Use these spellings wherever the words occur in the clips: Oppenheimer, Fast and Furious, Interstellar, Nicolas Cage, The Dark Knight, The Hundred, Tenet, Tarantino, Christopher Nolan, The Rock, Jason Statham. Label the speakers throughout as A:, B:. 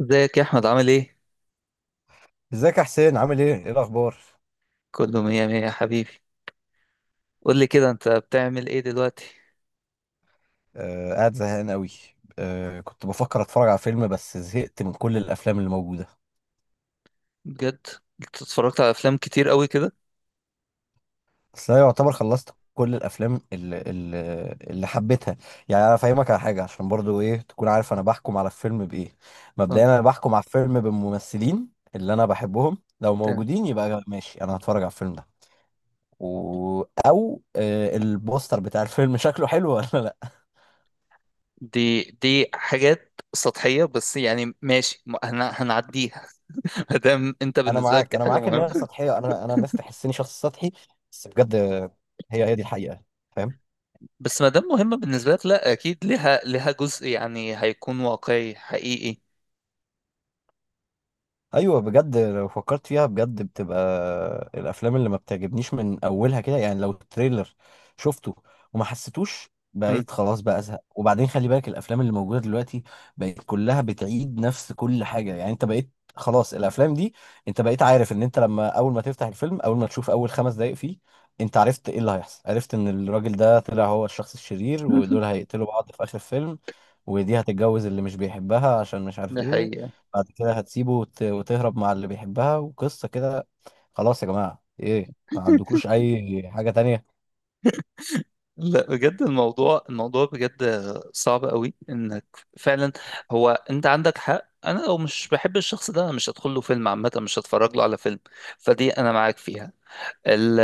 A: ازيك يا احمد عامل ايه؟
B: ازيك يا حسين عامل ايه؟ ايه الأخبار؟
A: كله مية مية يا حبيبي. قول لي كده، انت بتعمل ايه دلوقتي؟
B: آه قاعد زهقان قوي. آه كنت بفكر أتفرج على فيلم بس زهقت من كل الأفلام اللي موجودة.
A: بجد، انت اتفرجت على افلام كتير قوي كده.
B: بس أنا يعتبر خلصت كل الأفلام اللي حبيتها. يعني أنا فاهمك على حاجة عشان برضو ايه تكون عارف أنا بحكم على الفيلم بإيه. مبدئيا
A: اه،
B: أنا بحكم على الفيلم بالممثلين اللي أنا بحبهم لو
A: تمام.
B: موجودين يبقى ماشي أنا هتفرج على الفيلم ده. و... أو البوستر بتاع الفيلم شكله حلو ولا لأ.
A: دي حاجات سطحية، بس يعني ماشي، هنعديها. ما دام انت
B: انا
A: بالنسبة لك
B: معاك
A: دي
B: انا
A: حاجة
B: معاك ان هي
A: مهمة.
B: سطحيه، انا الناس تحسني شخص سطحي بس بجد. هي هي دي الحقيقه، فاهم.
A: بس ما دام مهمة بالنسبة لك، لا اكيد ليها جزء يعني هيكون واقعي حقيقي.
B: ايوه بجد لو فكرت فيها بجد بتبقى الافلام اللي ما بتعجبنيش من اولها كده، يعني لو تريلر شفته وما حسيتوش
A: مم.
B: بقيت خلاص بقى ازهق. وبعدين خلي بالك الافلام اللي موجوده دلوقتي بقت كلها بتعيد نفس كل حاجه. يعني انت بقيت خلاص الافلام دي، انت بقيت عارف ان انت لما اول ما تفتح الفيلم اول ما تشوف اول خمس دقايق فيه انت عرفت ايه اللي هيحصل. عرفت ان الراجل ده طلع هو الشخص الشرير ودول هيقتلوا بعض في اخر الفيلم، ودي هتتجوز اللي مش بيحبها عشان مش عارف
A: دي
B: ايه.
A: حقيقة.
B: بعد كده هتسيبه وتهرب مع اللي بيحبها وقصة كده. خلاص يا جماعة، ايه ما عندكوش اي حاجة تانية؟
A: لا بجد، الموضوع بجد صعب قوي انك فعلا. هو انت عندك حق، انا لو مش بحب الشخص ده انا مش هدخل له فيلم، عامه مش هتفرج له على فيلم. فدي انا معاك فيها. ال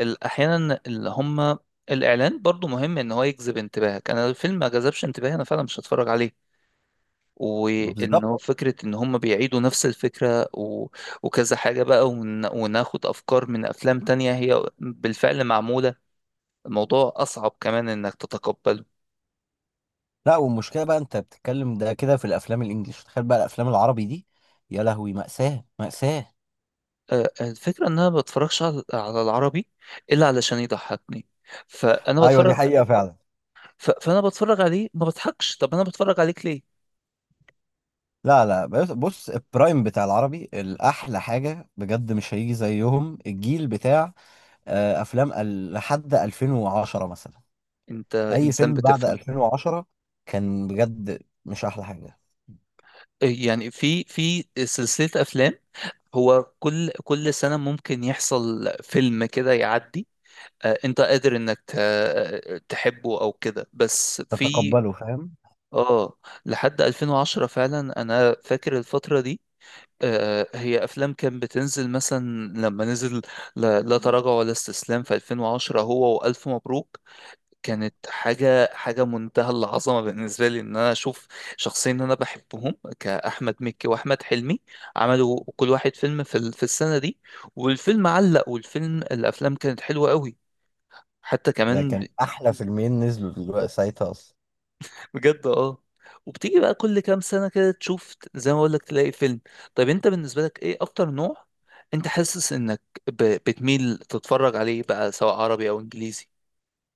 A: ال احيانا اللي هم الاعلان برضو مهم ان هو يجذب انتباهك. انا لو الفيلم ما جذبش انتباهي انا فعلا مش هتفرج عليه. وان
B: بالظبط.
A: هو فكره ان هم بيعيدوا نفس الفكره وكذا حاجه بقى وناخد افكار من افلام تانية هي بالفعل معموله. الموضوع أصعب كمان إنك تتقبله.
B: لا والمشكلة بقى انت بتتكلم ده كده في الافلام الانجليش، تخيل بقى الافلام العربي دي. يا لهوي، مأساة مأساة.
A: الفكرة إن أنا ما بتفرجش على العربي إلا علشان يضحكني. فأنا
B: ايوه دي
A: بتفرج.
B: حقيقة فعلا.
A: فأنا بتفرج عليه ما بضحكش، طب أنا بتفرج عليك ليه؟
B: لا لا، بص البرايم بتاع العربي الاحلى حاجة بجد، مش هيجي زيهم الجيل بتاع افلام لحد 2010 مثلا.
A: أنت
B: اي
A: إنسان
B: فيلم بعد
A: بتفهم.
B: 2010 كان بجد مش احلى حاجة.
A: يعني في سلسلة أفلام. هو كل سنة ممكن يحصل فيلم كده يعدي. أنت قادر إنك ت... آه، تحبه أو كده، بس في
B: تتقبله، فاهم.
A: آه لحد 2010 فعلا أنا فاكر الفترة دي. هي افلام كان بتنزل مثلا لما نزل لا لا تراجع ولا استسلام في 2010 هو والف مبروك. كانت حاجه منتهى العظمه بالنسبه لي ان انا اشوف شخصين انا بحبهم كاحمد مكي واحمد حلمي. عملوا كل واحد فيلم في في السنه دي. والفيلم علق والفيلم الافلام كانت حلوه قوي حتى
B: ده
A: كمان.
B: كان احلى فيلمين نزلوا دلوقتي ساعتها اصلا.
A: بجد اه. وبتيجي بقى كل كام سنة كده تشوف زي ما بقول لك تلاقي فيلم. طيب انت بالنسبة لك ايه اكتر نوع انت حاسس انك بتميل تتفرج عليه بقى، سواء عربي او انجليزي؟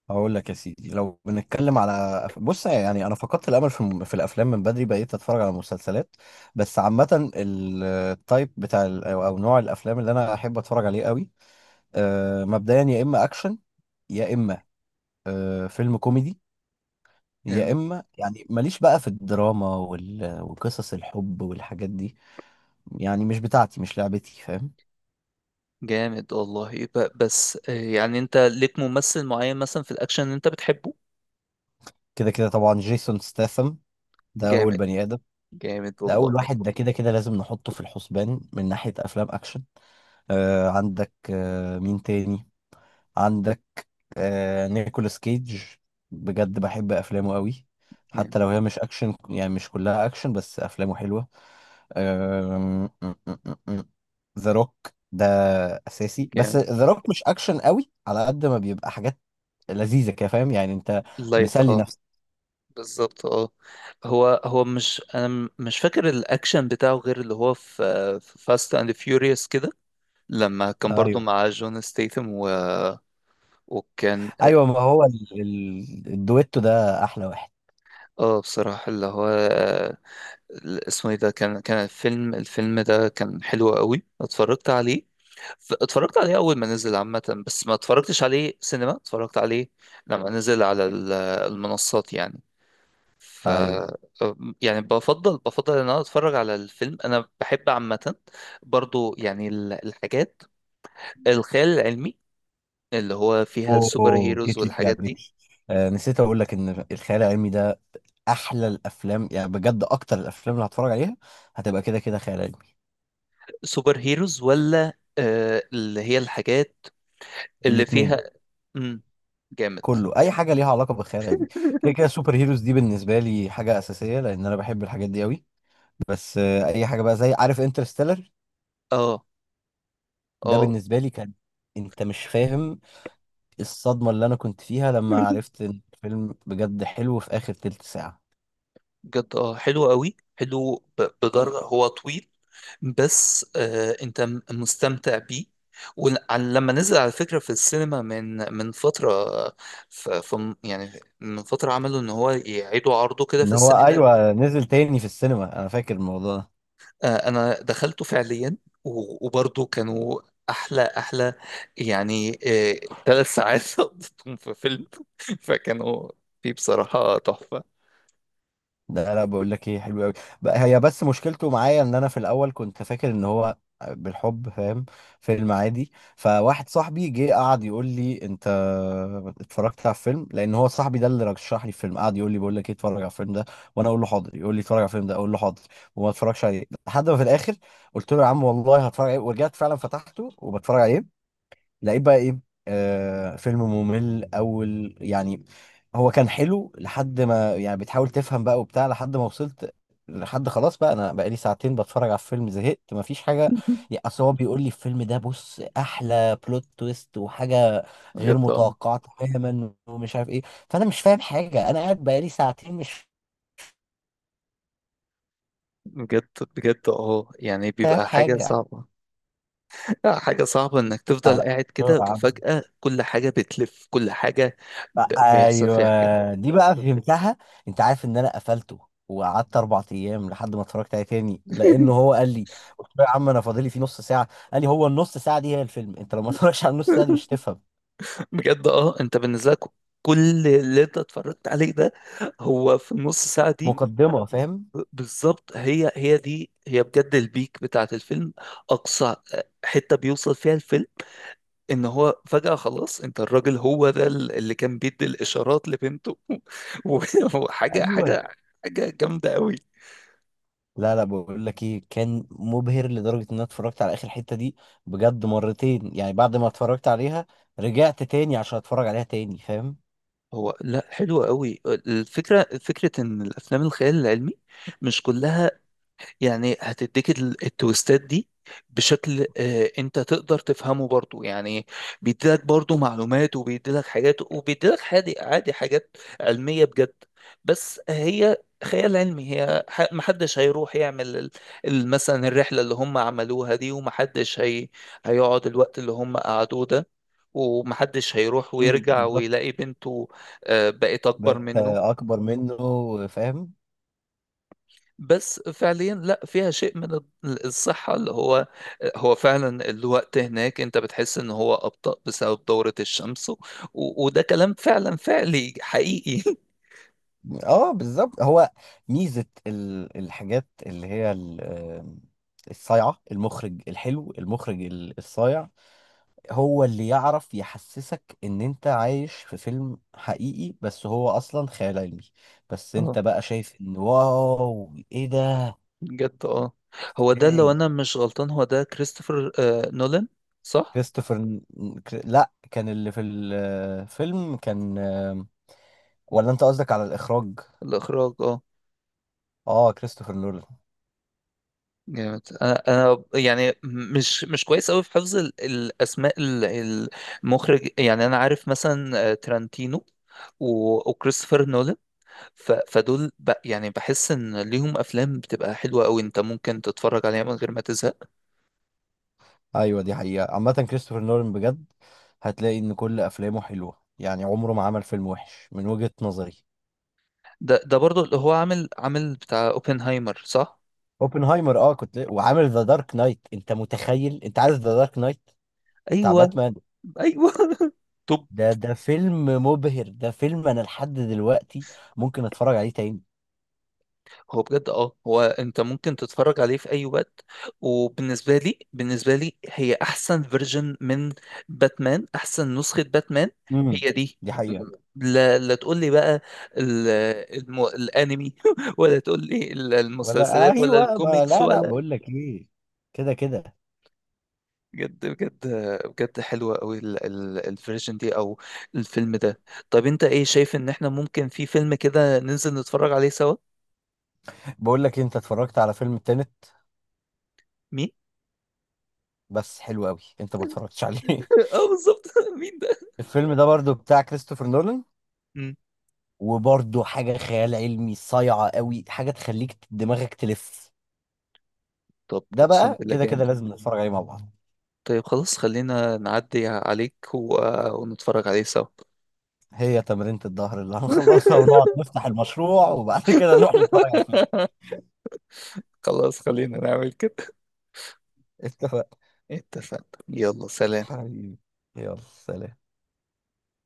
B: هقول لك يا سيدي، لو بنتكلم على بص يعني انا فقدت الامل في في الافلام من بدري، بقيت اتفرج على مسلسلات. بس عامه التايب بتاع ال- او أو نوع الافلام اللي انا احب اتفرج عليه قوي مبدئيا يا اما اكشن، يا اما فيلم كوميدي، يا
A: جامد.
B: اما يعني ماليش بقى في الدراما وقصص الحب والحاجات دي. يعني مش بتاعتي، مش لعبتي، فاهم.
A: جامد والله. بس يعني انت ليك ممثل معين مثلا في الاكشن انت بتحبه؟
B: كده كده طبعا جيسون ستاثم، ده اول
A: جامد.
B: بني ادم.
A: جامد
B: ده أول
A: والله.
B: واحد، ده كده كده لازم نحطه في الحسبان من ناحية أفلام أكشن. عندك مين تاني؟ عندك نيكولاس كيج، بجد بحب أفلامه قوي.
A: جامد.
B: حتى لو هي مش أكشن، يعني مش كلها أكشن بس أفلامه حلوة. ذا روك ده أساسي، بس
A: جامد.
B: ذا روك مش أكشن قوي على قد ما بيبقى حاجات لذيذة كده، فاهم يعني، أنت
A: لايت،
B: مسلي
A: اه.
B: نفسك.
A: بالظبط، اه. هو مش انا، مش فاكر الاكشن بتاعه غير اللي هو في فاست اند فيوريوس كده، لما كان برضو
B: أيوه.
A: مع جون ستيثم وكان
B: أيوه ما هو الدويتو ده أحلى واحد.
A: اه بصراحة اللي هو اسمه ايه ده، كان الفيلم ده كان حلو قوي. اتفرجت عليه. اتفرجت عليه اول ما نزل عامة، بس ما اتفرجتش عليه سينما، اتفرجت عليه لما نزل على المنصات يعني. ف
B: أيوه.
A: يعني بفضل ان انا اتفرج على الفيلم، انا بحب عامة برضو يعني الحاجات الخيال العلمي اللي هو فيها السوبر
B: اوه
A: هيروز
B: جيت لي في
A: والحاجات دي.
B: لعبتي. نسيت اقول لك ان الخيال العلمي ده احلى الافلام، يعني بجد اكتر الافلام اللي هتفرج عليها هتبقى كده كده خيال علمي.
A: سوبر هيروز ولا آه اللي هي الحاجات اللي فيها؟
B: الاثنين.
A: امم. جامد.
B: كله اي حاجه ليها علاقه بالخيال العلمي. كده كده سوبر هيروز دي بالنسبه لي حاجه اساسيه لان انا بحب الحاجات دي قوي. بس اي حاجه بقى زي عارف انترستيلر،
A: اه.
B: ده
A: اه
B: بالنسبه لي كان، انت مش فاهم الصدمه اللي انا كنت فيها لما عرفت ان الفيلم بجد حلو في اخر تلت ساعه.
A: بجد اه، حلو قوي، حلو بدرجة. هو طويل بس آه انت مستمتع بيه. ولما نزل على فكرة في السينما من فترة ف- ف- يعني من فترة عملوا ان هو يعيدوا عرضه كده في
B: ان هو
A: السينما.
B: ايوه نزل تاني في السينما، انا فاكر الموضوع ده.
A: انا دخلته فعليا و- وبرضه كانوا احلى يعني، ثلاث ساعات قضيتهم في فيلم، فكانوا فيه بصراحة تحفة.
B: لا لا بقول لك ايه، حلو قوي. هي بس مشكلته معايا ان انا في الاول كنت فاكر ان هو بالحب، فاهم، فيلم عادي. فواحد صاحبي جه قعد يقول لي انت اتفرجت على الفيلم، لان هو صاحبي ده اللي رشح لي الفيلم، قعد يقول لي بقول لك ايه اتفرج على الفيلم ده، وانا اقول له حاضر، يقول لي اتفرج على الفيلم ده اقول له حاضر. وما اتفرجش عليه لحد ما في الاخر قلت له يا عم والله هتفرج عليه، ورجعت فعلا فتحته وبتفرج عليه. لقيت بقى ايه، فيلم ممل اول يعني. هو كان حلو لحد ما، يعني بتحاول تفهم بقى وبتاع، لحد ما وصلت لحد خلاص بقى انا بقالي ساعتين بتفرج على الفيلم زهقت مفيش حاجه. يعني اصل هو بيقول لي الفيلم ده بص احلى بلوت تويست وحاجه غير
A: بجد اه.
B: متوقعه تماما ومش عارف ايه. فانا مش فاهم حاجه، انا قاعد بقالي ساعتين مش
A: بجد. بجد اه، يعني
B: فاهم
A: بيبقى حاجة
B: حاجه.
A: صعبة. حاجة صعبة انك تفضل
B: لا.
A: قاعد كده وفجأة كل حاجة بتلف، كل حاجة ب- بيحصل فيها حاجة.
B: ايوه دي بقى فهمتها. انت عارف ان انا قفلته وقعدت اربع ايام لحد ما اتفرجت عليه تاني، لانه هو قال لي، قلت له يا عم انا فاضلي فيه نص ساعه، قال لي هو النص ساعه دي هي الفيلم، انت لو ما اتفرجتش على النص ساعه دي مش هتفهم.
A: بجد اه، انت بالنسبة لك كل اللي انت اتفرجت عليه ده هو في النص ساعة دي.
B: مقدمه، فاهم.
A: بالظبط، هي دي بجد البيك بتاعت الفيلم. اقصى حتة بيوصل فيها الفيلم، ان هو فجأة خلاص انت الراجل هو ده اللي كان بيدي الاشارات لبنته وحاجة
B: ايوه.
A: حاجة حاجة جامدة قوي.
B: لا لا بقول لك ايه، كان مبهر لدرجه ان انا اتفرجت على اخر حته دي بجد مرتين، يعني بعد ما اتفرجت عليها رجعت تاني عشان اتفرج عليها تاني، فاهم.
A: هو لا، حلو قوي الفكرة، فكرة ان الافلام الخيال العلمي مش كلها يعني هتديك التويستات دي بشكل انت تقدر تفهمه برضو يعني. بيديلك برضو معلومات وبيديلك حاجات وبيديلك حادي عادي حاجات علمية بجد. بس هي خيال علمي، هي محدش هيروح يعمل مثلا الرحلة اللي هم عملوها دي، ومحدش هي هيقعد الوقت اللي هم قعدوه ده، ومحدش هيروح
B: امم،
A: ويرجع
B: بالظبط.
A: ويلاقي بنته بقت أكبر
B: بقيت
A: منه.
B: اكبر منه، فاهم.
A: بس فعليا لا، فيها شيء من الصحة. اللي هو هو فعلا الوقت هناك انت بتحس ان هو أبطأ بسبب دورة الشمس وده كلام فعلا فعلي حقيقي.
B: اه بالظبط. هو ميزة الحاجات اللي هي الصايعة، المخرج الحلو، المخرج الصايع هو اللي يعرف يحسسك ان انت عايش في فيلم حقيقي بس هو اصلا خيال علمي. بس
A: اه
B: انت بقى شايف ان واو ايه ده.
A: بجد اه، هو ده لو
B: ازاي؟
A: انا مش غلطان هو ده كريستوفر آه نولان، صح؟
B: كريستوفر لا كان اللي في الفيلم كان ولا انت قصدك على الاخراج؟
A: الاخراج اه.
B: اه، كريستوفر نولان.
A: جامد. انا يعني مش كويس قوي في حفظ الاسماء المخرج يعني. انا عارف مثلا ترانتينو وكريستوفر نولان. فدول يعني بحس ان ليهم افلام بتبقى حلوه قوي، انت ممكن تتفرج عليها من غير ما تزهق.
B: ايوه دي حقيقة. عامة كريستوفر نولان بجد هتلاقي ان كل افلامه حلوة، يعني عمره ما عمل فيلم وحش من وجهة نظري.
A: ده برضو اللي هو عامل، عامل بتاع اوبنهايمر، صح؟
B: اوبنهايمر، اه كنت، وعامل ذا دارك نايت. انت متخيل؟ انت عارف ذا دارك نايت بتاع
A: ايوه.
B: باتمان؟
A: ايوه. طب،
B: ده فيلم مبهر، ده فيلم انا لحد دلوقتي ممكن اتفرج عليه تاني.
A: هو بجد اه، هو انت ممكن تتفرج عليه في اي وقت. وبالنسبه لي هي احسن فيرجن من باتمان، احسن نسخه باتمان
B: امم.
A: هي دي.
B: دي حقيقة.
A: لا لا، تقول لي بقى ال- الانمي ولا تقول لي
B: ولا
A: المسلسلات، ولا
B: ايوه ما
A: الكوميكس،
B: لا لا
A: ولا
B: بقول لك ايه، كده كده.
A: بجد بجد. بجد حلوة قوي الفيرجن دي او الفيلم ده. طب انت ايه شايف ان احنا ممكن في فيلم كده ننزل نتفرج عليه سوا؟
B: بقول لك إيه، انت اتفرجت على فيلم تينت؟
A: مين؟
B: بس حلو قوي انت ما اتفرجتش عليه
A: اه بالظبط، مين ده؟
B: الفيلم ده برضو بتاع كريستوفر نولان،
A: مم.
B: وبرضه حاجة خيال علمي صايعة قوي، حاجة تخليك دماغك تلف.
A: طب
B: ده
A: اقسم
B: بقى
A: بالله،
B: كده كده
A: جامد.
B: لازم نتفرج عليه مع بعض.
A: طيب خلاص، خلينا نعدي عليك ونتفرج عليه سوا.
B: هي تمرينة الظهر اللي هنخلصها ونقعد نفتح المشروع وبعد كده نروح نتفرج على الفيلم.
A: خلاص خلينا نعمل كده.
B: اتفق.
A: اتفقنا، يلا سلام.
B: حبيبي، يلا سلام.